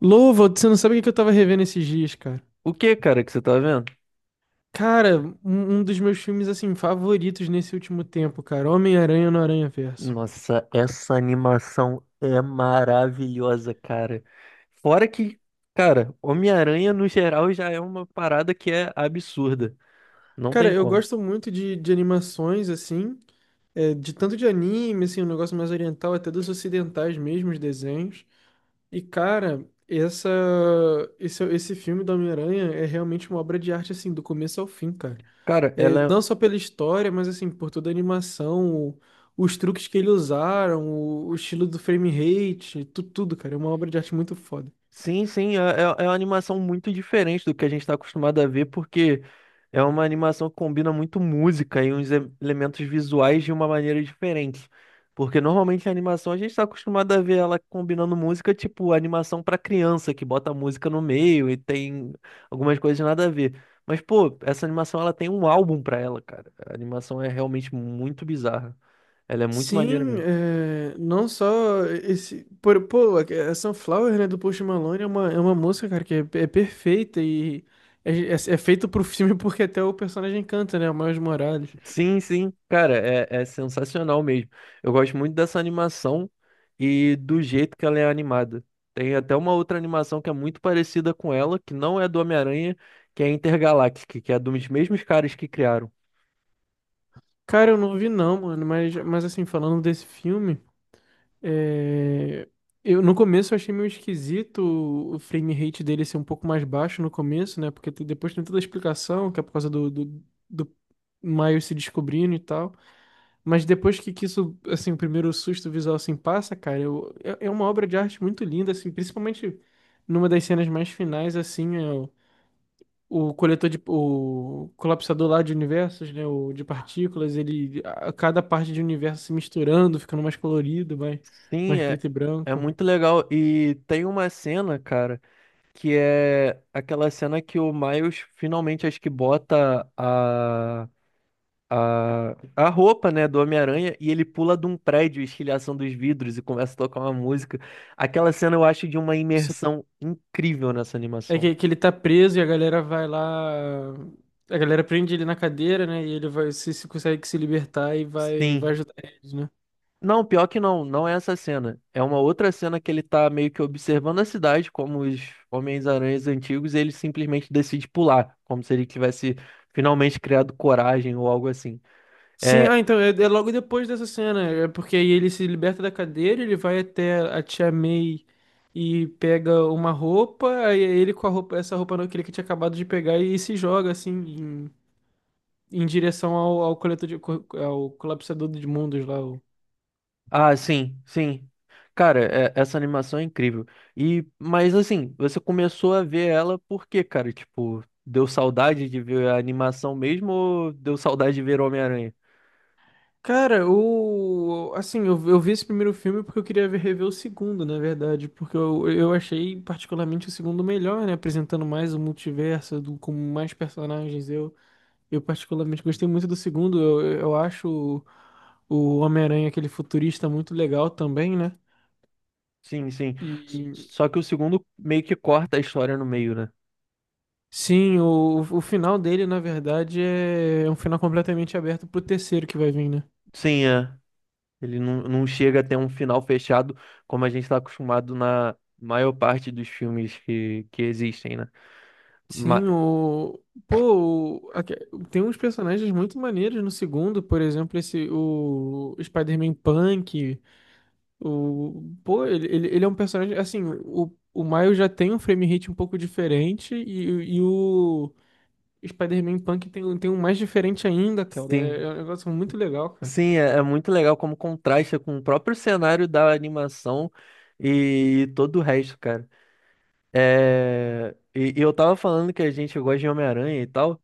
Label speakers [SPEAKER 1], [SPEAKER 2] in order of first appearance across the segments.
[SPEAKER 1] Louva, você não sabe o que eu tava revendo esses dias, cara.
[SPEAKER 2] O que, cara, que você tá vendo?
[SPEAKER 1] Cara, um dos meus filmes, assim, favoritos nesse último tempo, cara. Homem-Aranha no Aranha-Verso.
[SPEAKER 2] Nossa, essa animação é maravilhosa, cara. Fora que, cara, Homem-Aranha no geral já é uma parada que é absurda. Não
[SPEAKER 1] Cara,
[SPEAKER 2] tem
[SPEAKER 1] eu
[SPEAKER 2] como.
[SPEAKER 1] gosto muito de animações, assim, de tanto de anime, assim, um negócio mais oriental, até dos ocidentais mesmo, os desenhos. E, cara, esse filme do Homem-Aranha é realmente uma obra de arte, assim, do começo ao fim, cara.
[SPEAKER 2] Cara,
[SPEAKER 1] É,
[SPEAKER 2] ela
[SPEAKER 1] não
[SPEAKER 2] é
[SPEAKER 1] só pela história, mas assim, por toda a animação, os truques que eles usaram, o estilo do frame rate, tudo, cara. É uma obra de arte muito foda.
[SPEAKER 2] sim, sim, é uma animação muito diferente do que a gente está acostumado a ver, porque é uma animação que combina muito música e elementos visuais de uma maneira diferente. Porque normalmente a animação a gente está acostumado a ver ela combinando música, tipo animação para criança, que bota música no meio e tem algumas coisas nada a ver. Mas, pô, essa animação ela tem um álbum para ela, cara. A animação é realmente muito bizarra. Ela é muito maneira
[SPEAKER 1] Sim,
[SPEAKER 2] mesmo.
[SPEAKER 1] é, não só esse. Pô, a Sunflower, né, do Post Malone é uma moça, cara, que é perfeita e é feito pro filme porque até o personagem canta, né? O Miles Morales.
[SPEAKER 2] Sim, sim, cara, é sensacional mesmo. Eu gosto muito dessa animação e do jeito que ela é animada. Tem até uma outra animação que é muito parecida com ela, que não é do Homem-Aranha, que é Intergaláctica, que é dos mesmos caras que criaram.
[SPEAKER 1] Cara, eu não vi não, mano, mas assim, falando desse filme. É, Eu, no começo eu achei meio esquisito o frame rate dele ser um pouco mais baixo no começo, né? Porque depois tem toda a explicação, que é por causa do Miles se descobrindo e tal. Mas depois que isso, assim, o primeiro susto visual assim passa, cara, é uma obra de arte muito linda, assim, principalmente numa das cenas mais finais, assim, o coletor de o colapsador lá de universos, né, o de partículas, ele a cada parte de universo se misturando, ficando mais colorido, mais
[SPEAKER 2] Sim,
[SPEAKER 1] mais
[SPEAKER 2] é,
[SPEAKER 1] preto e
[SPEAKER 2] é
[SPEAKER 1] branco.
[SPEAKER 2] muito legal. E tem uma cena, cara, que é aquela cena que o Miles finalmente acho que bota a roupa, né, do Homem-Aranha e ele pula de um prédio, estilhação dos vidros e começa a tocar uma música. Aquela cena eu acho de uma
[SPEAKER 1] Sim.
[SPEAKER 2] imersão incrível nessa
[SPEAKER 1] É
[SPEAKER 2] animação.
[SPEAKER 1] que ele tá preso e a galera vai lá, a galera prende ele na cadeira, né, e ele vai se consegue se libertar e vai
[SPEAKER 2] Sim.
[SPEAKER 1] ajudar eles, né?
[SPEAKER 2] Não, pior que não, não é essa cena. É uma outra cena que ele tá meio que observando a cidade, como os Homens-Aranhas antigos, e ele simplesmente decide pular, como se ele tivesse finalmente criado coragem ou algo assim.
[SPEAKER 1] Sim,
[SPEAKER 2] É,
[SPEAKER 1] ah, então é, é logo depois dessa cena, é porque aí ele se liberta da cadeira, ele vai até a tia May e pega uma roupa, aí ele com a roupa, essa roupa que ele tinha acabado de pegar e se joga assim em, em direção ao, ao coletor de, ao colapsador de mundos lá.
[SPEAKER 2] ah, sim, sim. Cara, essa animação é incrível. E, mas assim, você começou a ver ela por quê, cara? Tipo, deu saudade de ver a animação mesmo ou deu saudade de ver Homem-Aranha?
[SPEAKER 1] Cara, o assim, eu vi esse primeiro filme porque eu queria rever o segundo, na verdade, porque eu achei particularmente o segundo melhor, né, apresentando mais o multiverso do, com mais personagens. Eu particularmente gostei muito do segundo. Eu acho o Homem-Aranha, aquele futurista, muito legal também, né?
[SPEAKER 2] Sim, sim.
[SPEAKER 1] E
[SPEAKER 2] Só que o segundo meio que corta a história no meio, né?
[SPEAKER 1] sim, o final dele, na verdade, é é um final completamente aberto pro terceiro que vai vir, né?
[SPEAKER 2] Sim, é. Ele não chega a ter um final fechado como a gente está acostumado na maior parte dos filmes que existem, né?
[SPEAKER 1] Sim,
[SPEAKER 2] Ma-
[SPEAKER 1] o. Pô, tem uns personagens muito maneiros no segundo, por exemplo, esse o Spider-Man Punk. O, pô, ele é um personagem. Assim, o Miles já tem um frame rate um pouco diferente e o. Spider-Man Punk tem, tem um mais diferente ainda, cara. É,
[SPEAKER 2] sim.
[SPEAKER 1] é um negócio muito legal, cara.
[SPEAKER 2] Sim, é, é muito legal como contrasta com o próprio cenário da animação e todo o resto, cara. É, e eu tava falando que a gente gosta de Homem-Aranha e tal.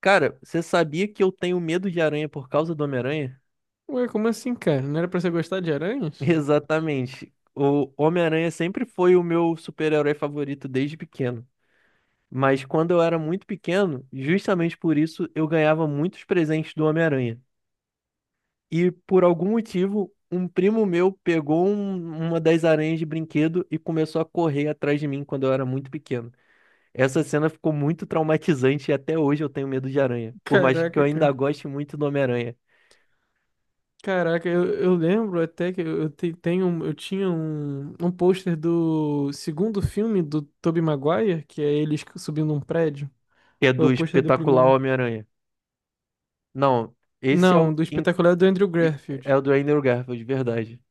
[SPEAKER 2] Cara, você sabia que eu tenho medo de aranha por causa do Homem-Aranha?
[SPEAKER 1] Ué, como assim, cara? Não era pra você gostar de aranhas?
[SPEAKER 2] Exatamente. O Homem-Aranha sempre foi o meu super-herói favorito desde pequeno. Mas quando eu era muito pequeno, justamente por isso eu ganhava muitos presentes do Homem-Aranha. E por algum motivo, um primo meu pegou uma das aranhas de brinquedo e começou a correr atrás de mim quando eu era muito pequeno. Essa cena ficou muito traumatizante e até hoje eu tenho medo de aranha. Por mais que eu
[SPEAKER 1] Caraca,
[SPEAKER 2] ainda
[SPEAKER 1] cara.
[SPEAKER 2] goste muito do Homem-Aranha,
[SPEAKER 1] Caraca, eu lembro até que tenho, eu tinha um pôster do segundo filme do Tobey Maguire, que é ele subindo um prédio.
[SPEAKER 2] que é
[SPEAKER 1] É o
[SPEAKER 2] do
[SPEAKER 1] pôster do
[SPEAKER 2] espetacular
[SPEAKER 1] primeiro.
[SPEAKER 2] Homem-Aranha. Não, esse é o,
[SPEAKER 1] Não, do
[SPEAKER 2] in-
[SPEAKER 1] espetacular do Andrew
[SPEAKER 2] i- é
[SPEAKER 1] Garfield.
[SPEAKER 2] o do Andrew Garfield, de verdade.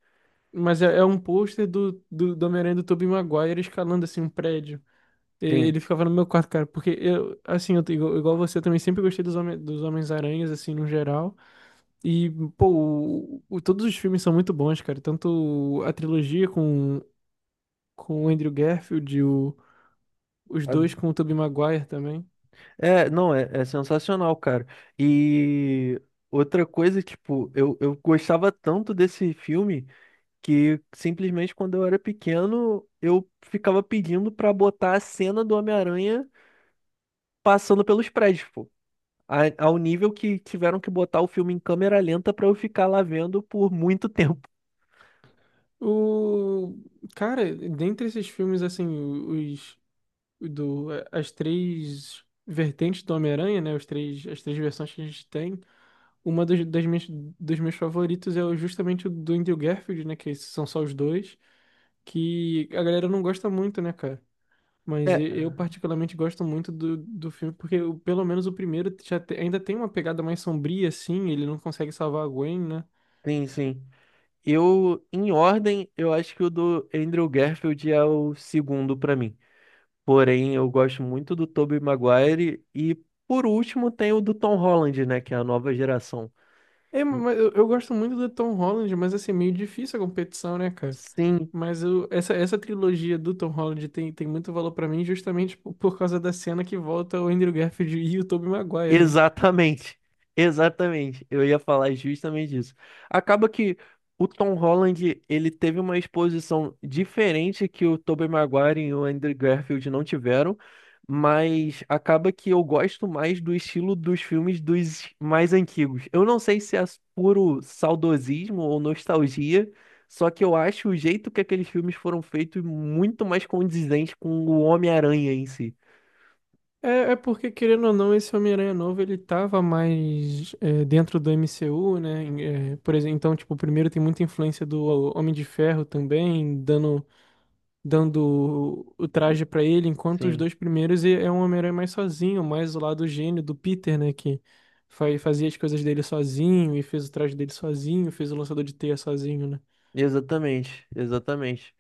[SPEAKER 1] Mas é, é um pôster do Homem-Aranha do Tobey Maguire escalando assim um prédio. E
[SPEAKER 2] Sim.
[SPEAKER 1] ele ficava no meu quarto, cara, porque igual você, eu também sempre gostei dos Homens-Aranhas, assim, no geral. E, pô, todos os filmes são muito bons, cara. Tanto a trilogia com o Andrew Garfield, e o, os
[SPEAKER 2] A-
[SPEAKER 1] dois com o Tobey Maguire também.
[SPEAKER 2] É, não, é, é sensacional, cara. E outra coisa, tipo, eu gostava tanto desse filme, que simplesmente quando eu era pequeno, eu ficava pedindo pra botar a cena do Homem-Aranha passando pelos prédios, pô. Ao nível que tiveram que botar o filme em câmera lenta pra eu ficar lá vendo por muito tempo.
[SPEAKER 1] O, cara, dentre esses filmes, assim, do as três vertentes do Homem-Aranha, né? As três versões que a gente tem. Uma das minhas, dos meus favoritos é justamente o do Andrew Garfield, né? Que são só os dois, que a galera não gosta muito, né, cara? Mas eu
[SPEAKER 2] É,
[SPEAKER 1] particularmente gosto muito do filme, porque pelo menos o primeiro ainda tem uma pegada mais sombria, assim, ele não consegue salvar a Gwen, né?
[SPEAKER 2] sim, sim. Eu, em ordem, eu acho que o do Andrew Garfield é o segundo pra mim. Porém, eu gosto muito do Tobey Maguire e, por último, tem o do Tom Holland, né, que é a nova geração.
[SPEAKER 1] É, mas eu gosto muito do Tom Holland, mas assim, é meio difícil a competição, né, cara?
[SPEAKER 2] Sim,
[SPEAKER 1] Essa trilogia do Tom Holland tem, tem muito valor pra mim justamente por causa da cena que volta o Andrew Garfield e o Tobey Maguire, né?
[SPEAKER 2] exatamente, exatamente. Eu ia falar justamente isso. Acaba que o Tom Holland, ele teve uma exposição diferente que o Tobey Maguire e o Andrew Garfield não tiveram, mas acaba que eu gosto mais do estilo dos filmes dos mais antigos. Eu não sei se é puro saudosismo ou nostalgia, só que eu acho o jeito que aqueles filmes foram feitos muito mais condizente com o Homem-Aranha em si.
[SPEAKER 1] É, é porque, querendo ou não, esse Homem-Aranha novo, ele tava mais é, dentro do MCU, né? É, por exemplo, então, tipo, o primeiro tem muita influência do Homem de Ferro também, dando o traje pra ele, enquanto os
[SPEAKER 2] Sim,
[SPEAKER 1] dois primeiros é é um Homem-Aranha mais sozinho, mais o lado gênio do Peter, né, que fazia as coisas dele sozinho e fez o traje dele sozinho, fez o lançador de teia sozinho, né?
[SPEAKER 2] exatamente, exatamente.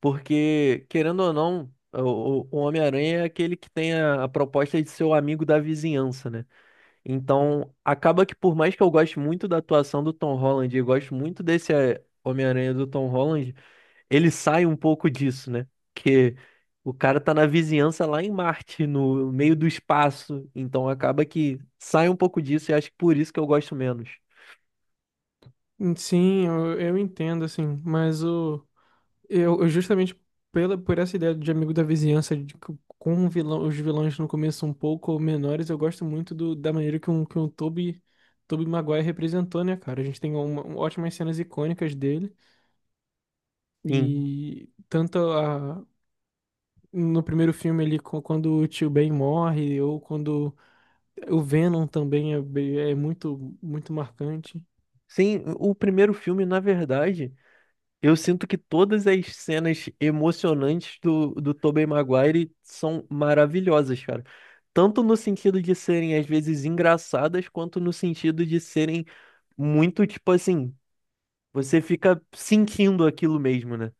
[SPEAKER 2] Porque, querendo ou não, o Homem-Aranha é aquele que tem a proposta de ser o amigo da vizinhança, né? Então, acaba que por mais que eu goste muito da atuação do Tom Holland e gosto muito desse Homem-Aranha do Tom Holland, ele sai um pouco disso, né? Que o cara tá na vizinhança lá em Marte, no meio do espaço. Então, acaba que sai um pouco disso e acho que por isso que eu gosto menos.
[SPEAKER 1] Sim, eu entendo, assim, mas o, eu justamente pela, por essa ideia de amigo da vizinhança, de, que com o vilão, os vilões no começo um pouco menores, eu gosto muito da maneira que um, Tobey Maguire representou, né, cara? A gente tem ótimas cenas icônicas dele,
[SPEAKER 2] Sim.
[SPEAKER 1] e tanto no primeiro filme ali, quando o tio Ben morre, ou quando o Venom também é, é muito, muito marcante.
[SPEAKER 2] Sim, o primeiro filme, na verdade. Eu sinto que todas as cenas emocionantes do, do Tobey Maguire são maravilhosas, cara. Tanto no sentido de serem, às vezes, engraçadas, quanto no sentido de serem muito, tipo assim, você fica sentindo aquilo mesmo, né?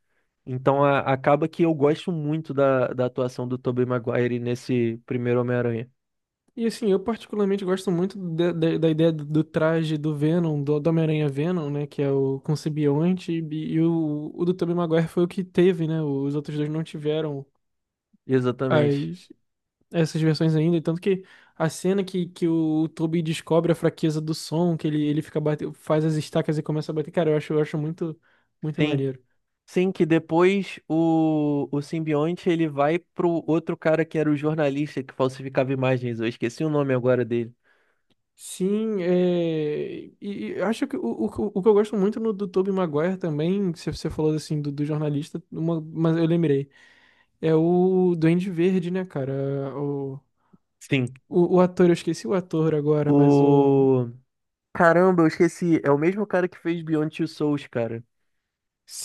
[SPEAKER 2] Então acaba que eu gosto muito da, da atuação do Tobey Maguire nesse primeiro Homem-Aranha.
[SPEAKER 1] E assim, eu particularmente gosto muito da ideia do traje do Venom, do Homem-Aranha Venom, né? Que é o com simbionte, e o do Tobey Maguire foi o que teve, né? Os outros dois não tiveram
[SPEAKER 2] Exatamente.
[SPEAKER 1] as, essas versões ainda, e tanto que a cena que o Toby descobre a fraqueza do som, que ele fica bate, faz as estacas e começa a bater, cara, eu acho muito, muito
[SPEAKER 2] Sim.
[SPEAKER 1] maneiro.
[SPEAKER 2] Sim, que depois o simbionte ele vai pro outro cara que era o jornalista que falsificava imagens. Eu esqueci o nome agora dele.
[SPEAKER 1] Sim, é, e acho que o que eu gosto muito no, do Tobey Maguire também, que você falou assim do jornalista, mas eu lembrei, é o Duende Verde, né, cara? O,
[SPEAKER 2] Sim.
[SPEAKER 1] o ator, eu esqueci o ator agora, mas o
[SPEAKER 2] O. Caramba, eu esqueci. É o mesmo cara que fez Beyond Two Souls, cara.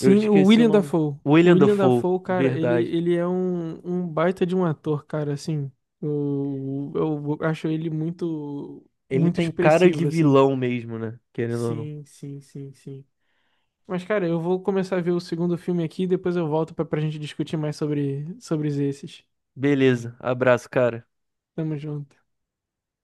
[SPEAKER 2] Eu
[SPEAKER 1] o
[SPEAKER 2] esqueci o
[SPEAKER 1] William
[SPEAKER 2] nome.
[SPEAKER 1] Dafoe. O
[SPEAKER 2] William
[SPEAKER 1] William
[SPEAKER 2] Dafoe,
[SPEAKER 1] Dafoe, cara,
[SPEAKER 2] verdade.
[SPEAKER 1] ele é um, um baita de um ator, cara, assim. Eu acho ele muito,
[SPEAKER 2] Ele
[SPEAKER 1] muito
[SPEAKER 2] tem cara de
[SPEAKER 1] expressivo, assim.
[SPEAKER 2] vilão mesmo, né? Querendo ou não.
[SPEAKER 1] Sim, sim, sim, sim. Mas, cara, eu vou começar a ver o segundo filme aqui e depois eu volto pra, pra gente discutir mais sobre, sobre esses.
[SPEAKER 2] Beleza, abraço, cara.
[SPEAKER 1] Tamo junto.